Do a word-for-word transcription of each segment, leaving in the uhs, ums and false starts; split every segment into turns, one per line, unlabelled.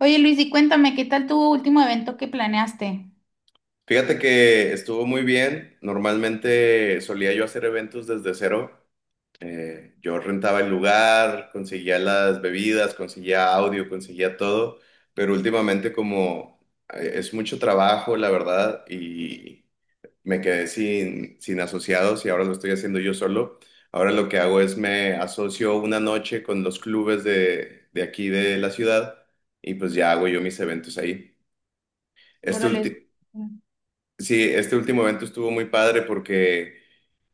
Oye Luis, y cuéntame, ¿qué tal tu último evento que planeaste?
Fíjate que estuvo muy bien. Normalmente solía yo hacer eventos desde cero. Eh, yo rentaba el lugar, conseguía las bebidas, conseguía audio, conseguía todo. Pero últimamente como eh, es mucho trabajo, la verdad, y me quedé sin, sin asociados y ahora lo estoy haciendo yo solo. Ahora lo que hago es me asocio una noche con los clubes de, de aquí de la ciudad y pues ya hago yo mis eventos ahí. Este
Órale.
último... Sí, este último evento estuvo muy padre porque,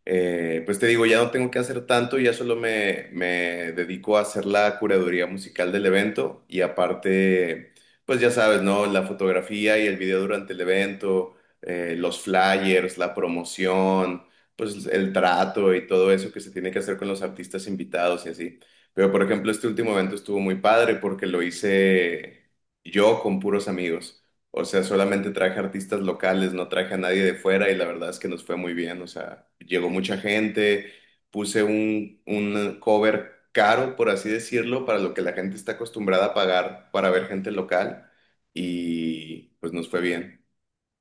eh, pues te digo, ya no tengo que hacer tanto, ya solo me, me dedico a hacer la curaduría musical del evento y aparte, pues ya sabes, ¿no? La fotografía y el video durante el evento, eh, los flyers, la promoción, pues el trato y todo eso que se tiene que hacer con los artistas invitados y así. Pero, por ejemplo, este último evento estuvo muy padre porque lo hice yo con puros amigos. O sea, solamente traje artistas locales, no traje a nadie de fuera y la verdad es que nos fue muy bien. O sea, llegó mucha gente, puse un, un cover caro, por así decirlo, para lo que la gente está acostumbrada a pagar para ver gente local y pues nos fue bien.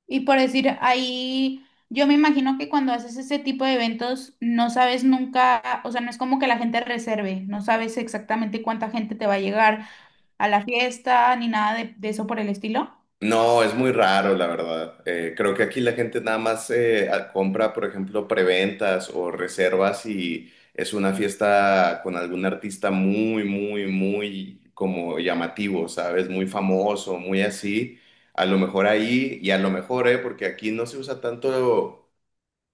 Y por decir, ahí yo me imagino que cuando haces ese tipo de eventos no sabes nunca, o sea, no es como que la gente reserve, no sabes exactamente cuánta gente te va a llegar a la fiesta ni nada de, de eso por el estilo.
No, es muy raro, la verdad. Eh, creo que aquí la gente nada más eh, a- compra, por ejemplo, preventas o reservas y es una fiesta con algún artista muy, muy, muy como llamativo, ¿sabes? Muy famoso, muy así. A lo mejor ahí y a lo mejor, ¿eh? Porque aquí no se usa tanto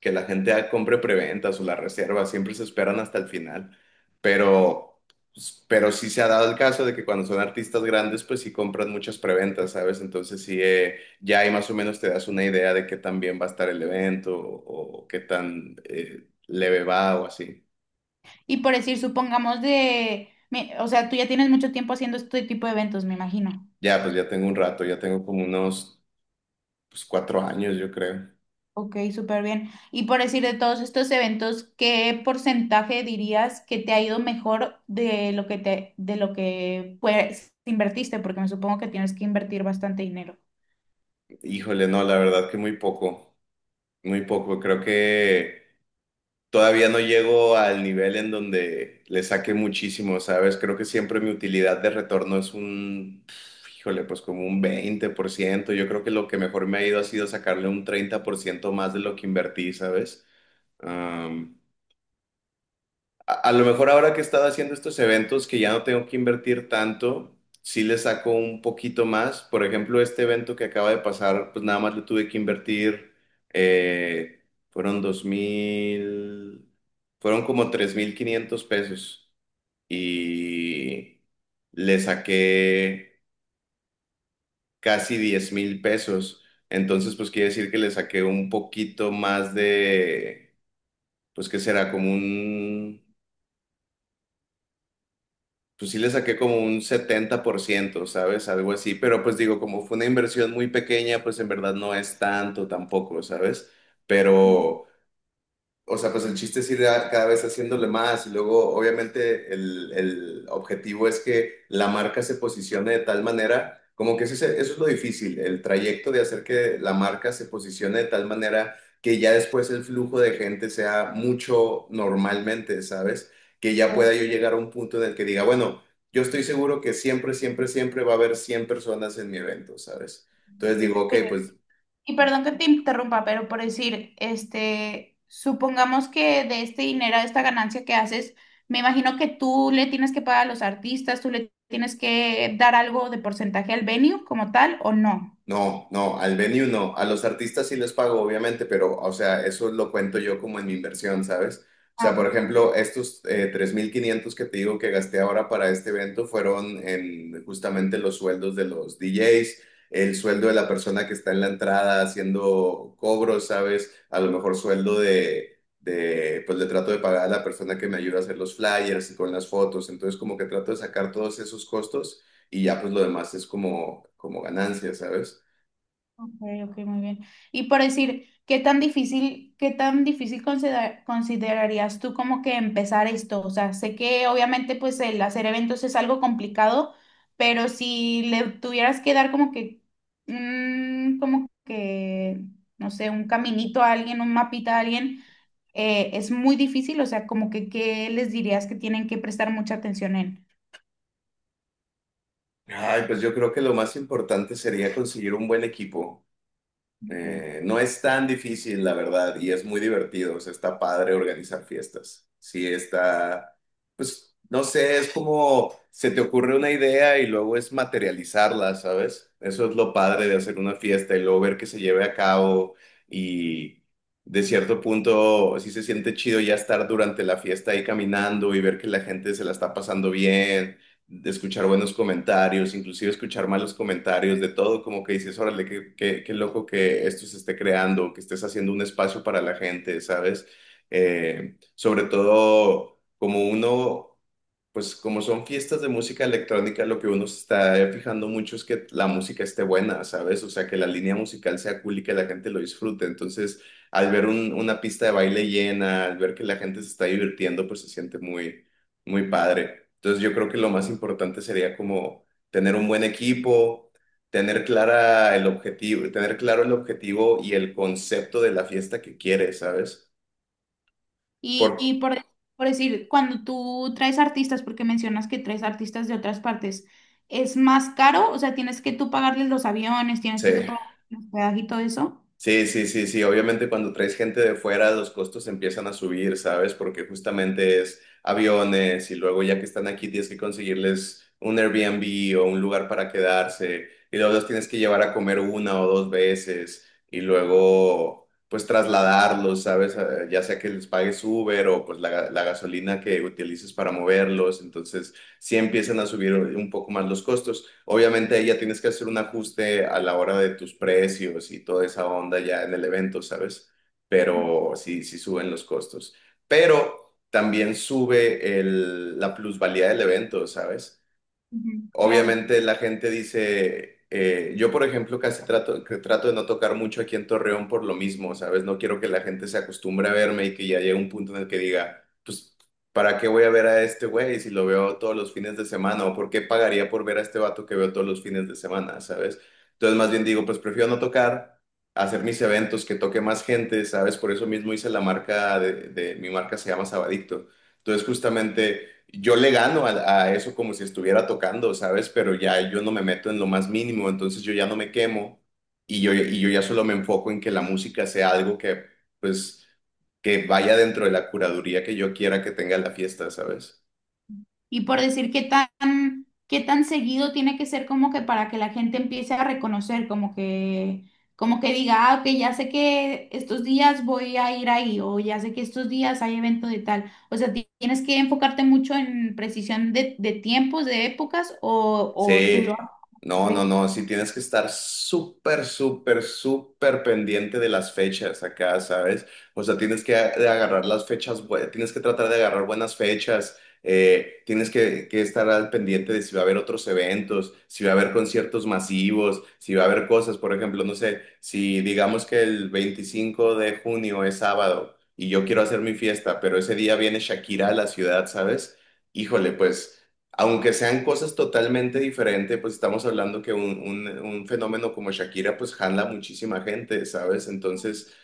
que la gente compre preventas o la reserva, siempre se esperan hasta el final, pero, pues, pero sí se ha dado el caso de que cuando son artistas grandes, pues sí compran muchas preventas, ¿sabes? Entonces sí, eh, ya ahí más o menos te das una idea de qué tan bien va a estar el evento o, o qué tan eh, leve va o así.
Y por decir, supongamos de, me- o sea, tú ya tienes mucho tiempo haciendo este tipo de eventos, me imagino.
Ya, pues ya tengo un rato, ya tengo como unos pues, cuatro años, yo creo.
Ok, súper bien. Y por decir de todos estos eventos, ¿qué porcentaje dirías que te ha ido mejor de lo que te, de lo que pues invertiste? Porque me supongo que tienes que invertir bastante dinero.
Híjole, no, la verdad que muy poco, muy poco. Creo que... Todavía no llego al nivel en donde le saque muchísimo, ¿sabes? Creo que siempre mi utilidad de retorno es un, pf, híjole, pues como un veinte por ciento. Yo creo que lo que mejor me ha ido ha sido sacarle un treinta por ciento más de lo que invertí, ¿sabes? A, a lo mejor ahora que he estado haciendo estos eventos que ya no tengo que invertir tanto, sí le saco un poquito más. Por ejemplo, este evento que acaba de pasar, pues nada más le tuve que invertir, eh, fueron dos mil, fueron como tres mil quinientos pesos y le saqué casi diez mil pesos. Entonces, pues quiere decir que le saqué un poquito más de, pues qué será, como un pues sí le saqué como un setenta por ciento. ¿Sabes? Algo así, pero pues digo, como fue una inversión muy pequeña, pues en verdad no es tanto tampoco, ¿sabes?
Sí, sí,
Pero o sea, pues el chiste es ir a- cada vez haciéndole más y luego obviamente el, el objetivo es que la marca se posicione de tal manera, como que eso es, eso es lo difícil, el trayecto de hacer que la marca se posicione de tal manera que ya después el flujo de gente sea mucho normalmente, ¿sabes? Que ya pueda yo llegar a un punto en el que diga, bueno, yo estoy seguro que siempre, siempre, siempre va a haber cien personas en mi evento, ¿sabes? Entonces
sí.
digo, ok,
Ok.
pues
Y perdón que te interrumpa, pero por decir, este, supongamos que de este dinero, de esta ganancia que haces, me imagino que tú le tienes que pagar a los artistas, tú le tienes que dar algo de porcentaje al venue como tal, ¿o no?
no, no, al venue no. A los artistas sí les pago, obviamente, pero, o sea, eso lo cuento yo como en mi inversión, ¿sabes? O
Ah,
sea,
ok.
por ejemplo, estos eh, tres mil quinientos que te digo que gasté ahora para este evento fueron en justamente los sueldos de los D Js, el sueldo de la persona que está en la entrada haciendo cobros, ¿sabes? A lo mejor sueldo de, de, pues le trato de pagar a la persona que me ayuda a hacer los flyers y con las fotos. Entonces, como que trato de sacar todos esos costos y ya pues lo demás es como, como ganancia, ¿sabes?
Ok, ok, muy bien. Y por decir, ¿qué tan difícil, qué tan difícil considera- considerarías tú como que empezar esto? O sea, sé que obviamente pues el hacer eventos es algo complicado, pero si le tuvieras que dar como que, mm, como que, no sé, un caminito a alguien, un mapita a alguien, eh, es muy difícil, o sea, como que, ¿qué les dirías que tienen que prestar mucha atención en?
Ay, pues yo creo que lo más importante sería conseguir un buen equipo.
Ok.
Eh, no es tan difícil, la verdad, y es muy divertido. O sea, está padre organizar fiestas. Sí, está, pues, no sé, es como se te ocurre una idea y luego es materializarla, ¿sabes? Eso es lo padre de hacer una fiesta y luego ver que se lleve a cabo y de cierto punto sí se siente chido ya estar durante la fiesta ahí caminando y ver que la gente se la está pasando bien de escuchar buenos comentarios, inclusive escuchar malos comentarios, de todo, como que dices, órale, qué, qué, qué loco que esto se esté creando, que estés haciendo un espacio para la gente, ¿sabes? Eh, sobre todo, como uno, pues como son fiestas de música electrónica, lo que uno se está fijando mucho es que la música esté buena, ¿sabes? O sea, que la línea musical sea cool y que la gente lo disfrute. Entonces, al ver un- una pista de baile llena, al ver que la gente se está divirtiendo, pues se siente muy muy padre. Entonces yo creo que lo más importante sería como tener un buen equipo, tener clara el objetivo, tener claro el objetivo y el concepto de la fiesta que quieres, ¿sabes? Por,
Y, y por, por decir, cuando tú traes artistas, porque mencionas que traes artistas de otras partes, ¿es más caro? O sea, tienes que tú pagarles los aviones, tienes
sí.
que tú pagar los hospedaje y todo eso.
Sí, sí, sí, sí. Obviamente cuando traes gente de fuera, los costos empiezan a subir, ¿sabes? Porque justamente es aviones y luego ya que están aquí tienes que conseguirles un Airbnb o un lugar para quedarse y luego los tienes que llevar a comer una o dos veces y luego pues trasladarlos, ¿sabes? Eh, Ya sea que les pagues Uber o pues la, ga- la gasolina que utilices para moverlos. Entonces sí empiezan a subir un poco más los costos. Obviamente ahí ya tienes que hacer un ajuste a la hora de tus precios y toda esa onda ya en el evento, ¿sabes? Pero sí, sí suben los costos. Pero también sube el- la plusvalía del evento, ¿sabes?
Ujú, claro.
Obviamente la gente dice, eh, yo por ejemplo casi trato, que trato de no tocar mucho aquí en Torreón por lo mismo, ¿sabes? No quiero que la gente se acostumbre a verme y que ya llegue un punto en el que diga, pues, ¿para qué voy a ver a este güey si lo veo todos los fines de semana? ¿O por qué pagaría por ver a este vato que veo todos los fines de semana, ¿sabes? Entonces más bien digo, pues prefiero no tocar, hacer mis eventos, que toque más gente, ¿sabes? Por eso mismo hice la marca de, de mi marca se llama Sabadicto entonces, justamente yo le gano a, a eso como si estuviera tocando, ¿sabes? Pero ya yo no me meto en lo más mínimo, entonces yo ya no me quemo y yo, y yo ya solo me enfoco en que la música sea algo que, pues, que vaya dentro de la curaduría que yo quiera que tenga la fiesta, ¿sabes?
Y por decir qué tan, qué tan seguido tiene que ser como que para que la gente empiece a reconocer, como que, como que diga, ah, ok, ya sé que estos días voy a ir ahí, o ya sé que estos días hay evento de tal. O sea, ti- tienes que enfocarte mucho en precisión de, de tiempos, de épocas, o, o tú lo
Sí, no, no,
haces.
no, sí tienes que estar súper, súper, súper pendiente de las fechas acá, ¿sabes? O sea, tienes que a- de agarrar las fechas, bue- tienes que tratar de agarrar buenas fechas, eh, tienes que, que estar al pendiente de si va a haber otros eventos, si va a haber conciertos masivos, si va a haber cosas, por ejemplo, no sé, si digamos que el veinticinco de junio es sábado y yo quiero hacer mi fiesta, pero ese día viene Shakira a la ciudad, ¿sabes? Híjole, pues... Aunque sean cosas totalmente diferentes, pues estamos hablando que un, un- un fenómeno como Shakira pues jala muchísima gente, ¿sabes? Entonces,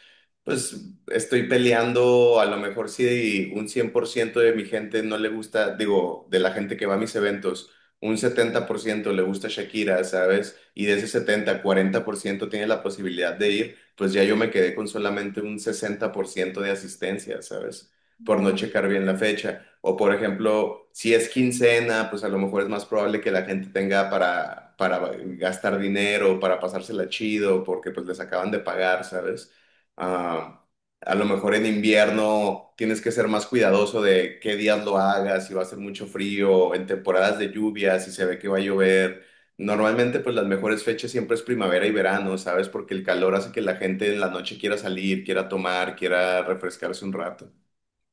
pues estoy peleando, a lo mejor si un cien por ciento de mi gente no le gusta, digo, de la gente que va a mis eventos, un setenta por ciento le gusta Shakira, ¿sabes? Y de ese setenta cuarenta por ciento tiene la posibilidad de ir, pues ya yo me quedé con solamente un sesenta por ciento de asistencia, ¿sabes? Por no checar bien la fecha. O por ejemplo, si es quincena, pues a lo mejor es más probable que la gente tenga para, para gastar dinero, para pasársela chido, porque pues les acaban de pagar, ¿sabes? Ah, a lo mejor en invierno tienes que ser más cuidadoso de qué días lo hagas, si va a hacer mucho frío, en temporadas de lluvia, si se ve que va a llover. Normalmente, pues las mejores fechas siempre es primavera y verano, ¿sabes? Porque el calor hace que la gente en la noche quiera salir, quiera tomar, quiera refrescarse un rato.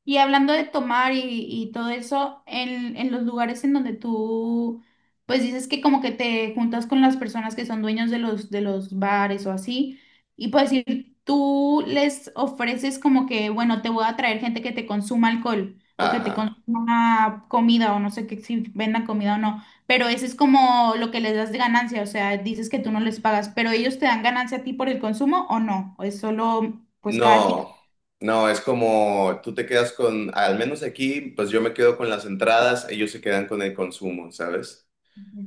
Y hablando de tomar y, y todo eso, en, en los lugares en donde tú, pues dices que como que te juntas con las personas que son dueños de los, de los bares o así, y pues decir, tú les ofreces como que, bueno, te voy a traer gente que te consuma alcohol o que te
Ajá.
consuma comida o no sé qué, si vendan comida o no, pero eso es como lo que les das de ganancia, o sea, dices que tú no les pagas, pero ellos te dan ganancia a ti por el consumo o no, o es solo, pues cada quien.
No, no, es como tú te quedas con, al menos aquí, pues yo me quedo con las entradas, ellos se quedan con el consumo, ¿sabes?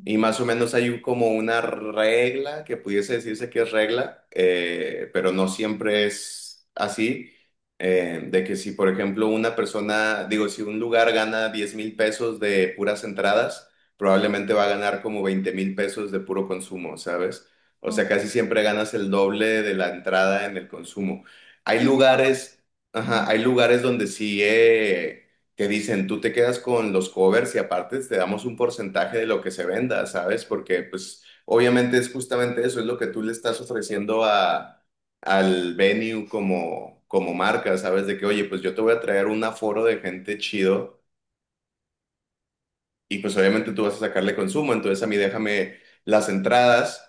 Y más o menos hay un- como una regla que pudiese decirse que es regla, eh, pero no siempre es así, eh, de que si, por ejemplo, una persona, digo, si un lugar gana diez mil pesos de puras entradas, probablemente va a ganar como veinte mil pesos de puro consumo, ¿sabes? O sea, casi siempre ganas el doble de la entrada en el consumo. Hay
Sí, claro.
lugares, ajá, hay lugares donde sí, eh, que dicen, tú te quedas con los covers y aparte te damos un porcentaje de lo que se venda, ¿sabes? Porque pues obviamente es justamente eso, es lo que tú le estás ofreciendo a, al venue como, como marca, ¿sabes? De que, oye, pues yo te voy a traer un aforo de gente chido y pues obviamente tú vas a sacarle consumo, entonces a mí déjame las entradas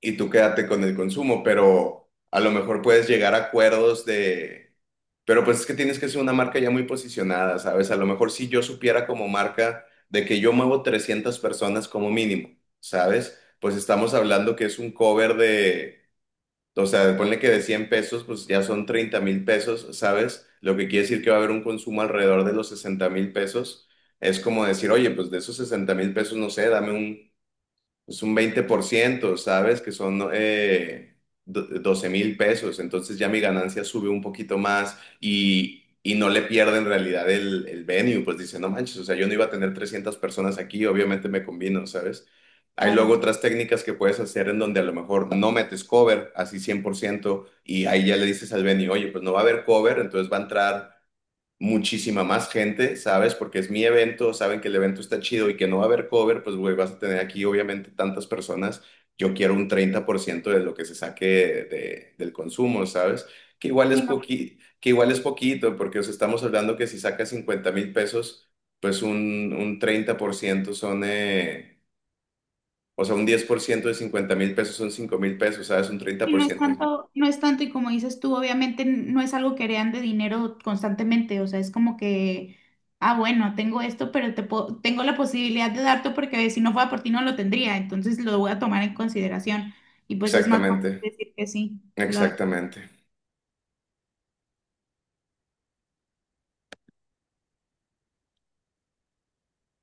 y tú quédate con el consumo, pero a lo mejor puedes llegar a acuerdos de, pero pues es que tienes que ser una marca ya muy posicionada, ¿sabes? A lo mejor si yo supiera como marca de que yo muevo trescientas personas como mínimo, ¿sabes? Pues estamos hablando que es un cover de, o sea, ponle que de cien pesos, pues ya son treinta mil pesos, ¿sabes? Lo que quiere decir que va a haber un consumo alrededor de los sesenta mil pesos. Es como decir, oye, pues de esos sesenta mil pesos, no sé, dame un es un veinte por ciento. ¿Sabes? Que son eh, do- doce mil pesos. Entonces ya mi ganancia sube un poquito más y, y no le pierdo en realidad el, el venue. Pues dice, no manches, o sea, yo no iba a tener trescientas personas aquí, obviamente me combino, ¿sabes? Hay luego
Claro.
otras técnicas que puedes hacer en donde a lo mejor no metes cover, así cien por ciento y ahí ya le dices al venue, oye, pues no va a haber cover, entonces va a entrar muchísima más gente, ¿sabes? Porque es mi evento, saben que el evento está chido y que no va a haber cover, pues, güey, vas a tener aquí obviamente tantas personas. Yo quiero un treinta por ciento de lo que se saque de- del consumo, ¿sabes? Que igual
Y
es
no,
poqui- que igual es poquito, porque os estamos hablando que si sacas cincuenta mil pesos, pues un, un treinta por ciento son, eh, o sea, un diez por ciento de cincuenta mil pesos son cinco mil pesos, ¿sabes? Un treinta
y
por
no es
ciento.
tanto, no es tanto, y como dices tú, obviamente n- no es algo que heredan de dinero constantemente, o sea, es como que, ah, bueno, tengo esto, pero te po- tengo la posibilidad de darte porque si no fuera por ti no lo tendría, entonces lo voy a tomar en consideración. Y pues es más
Exactamente,
fácil decir que sí, claro.
exactamente.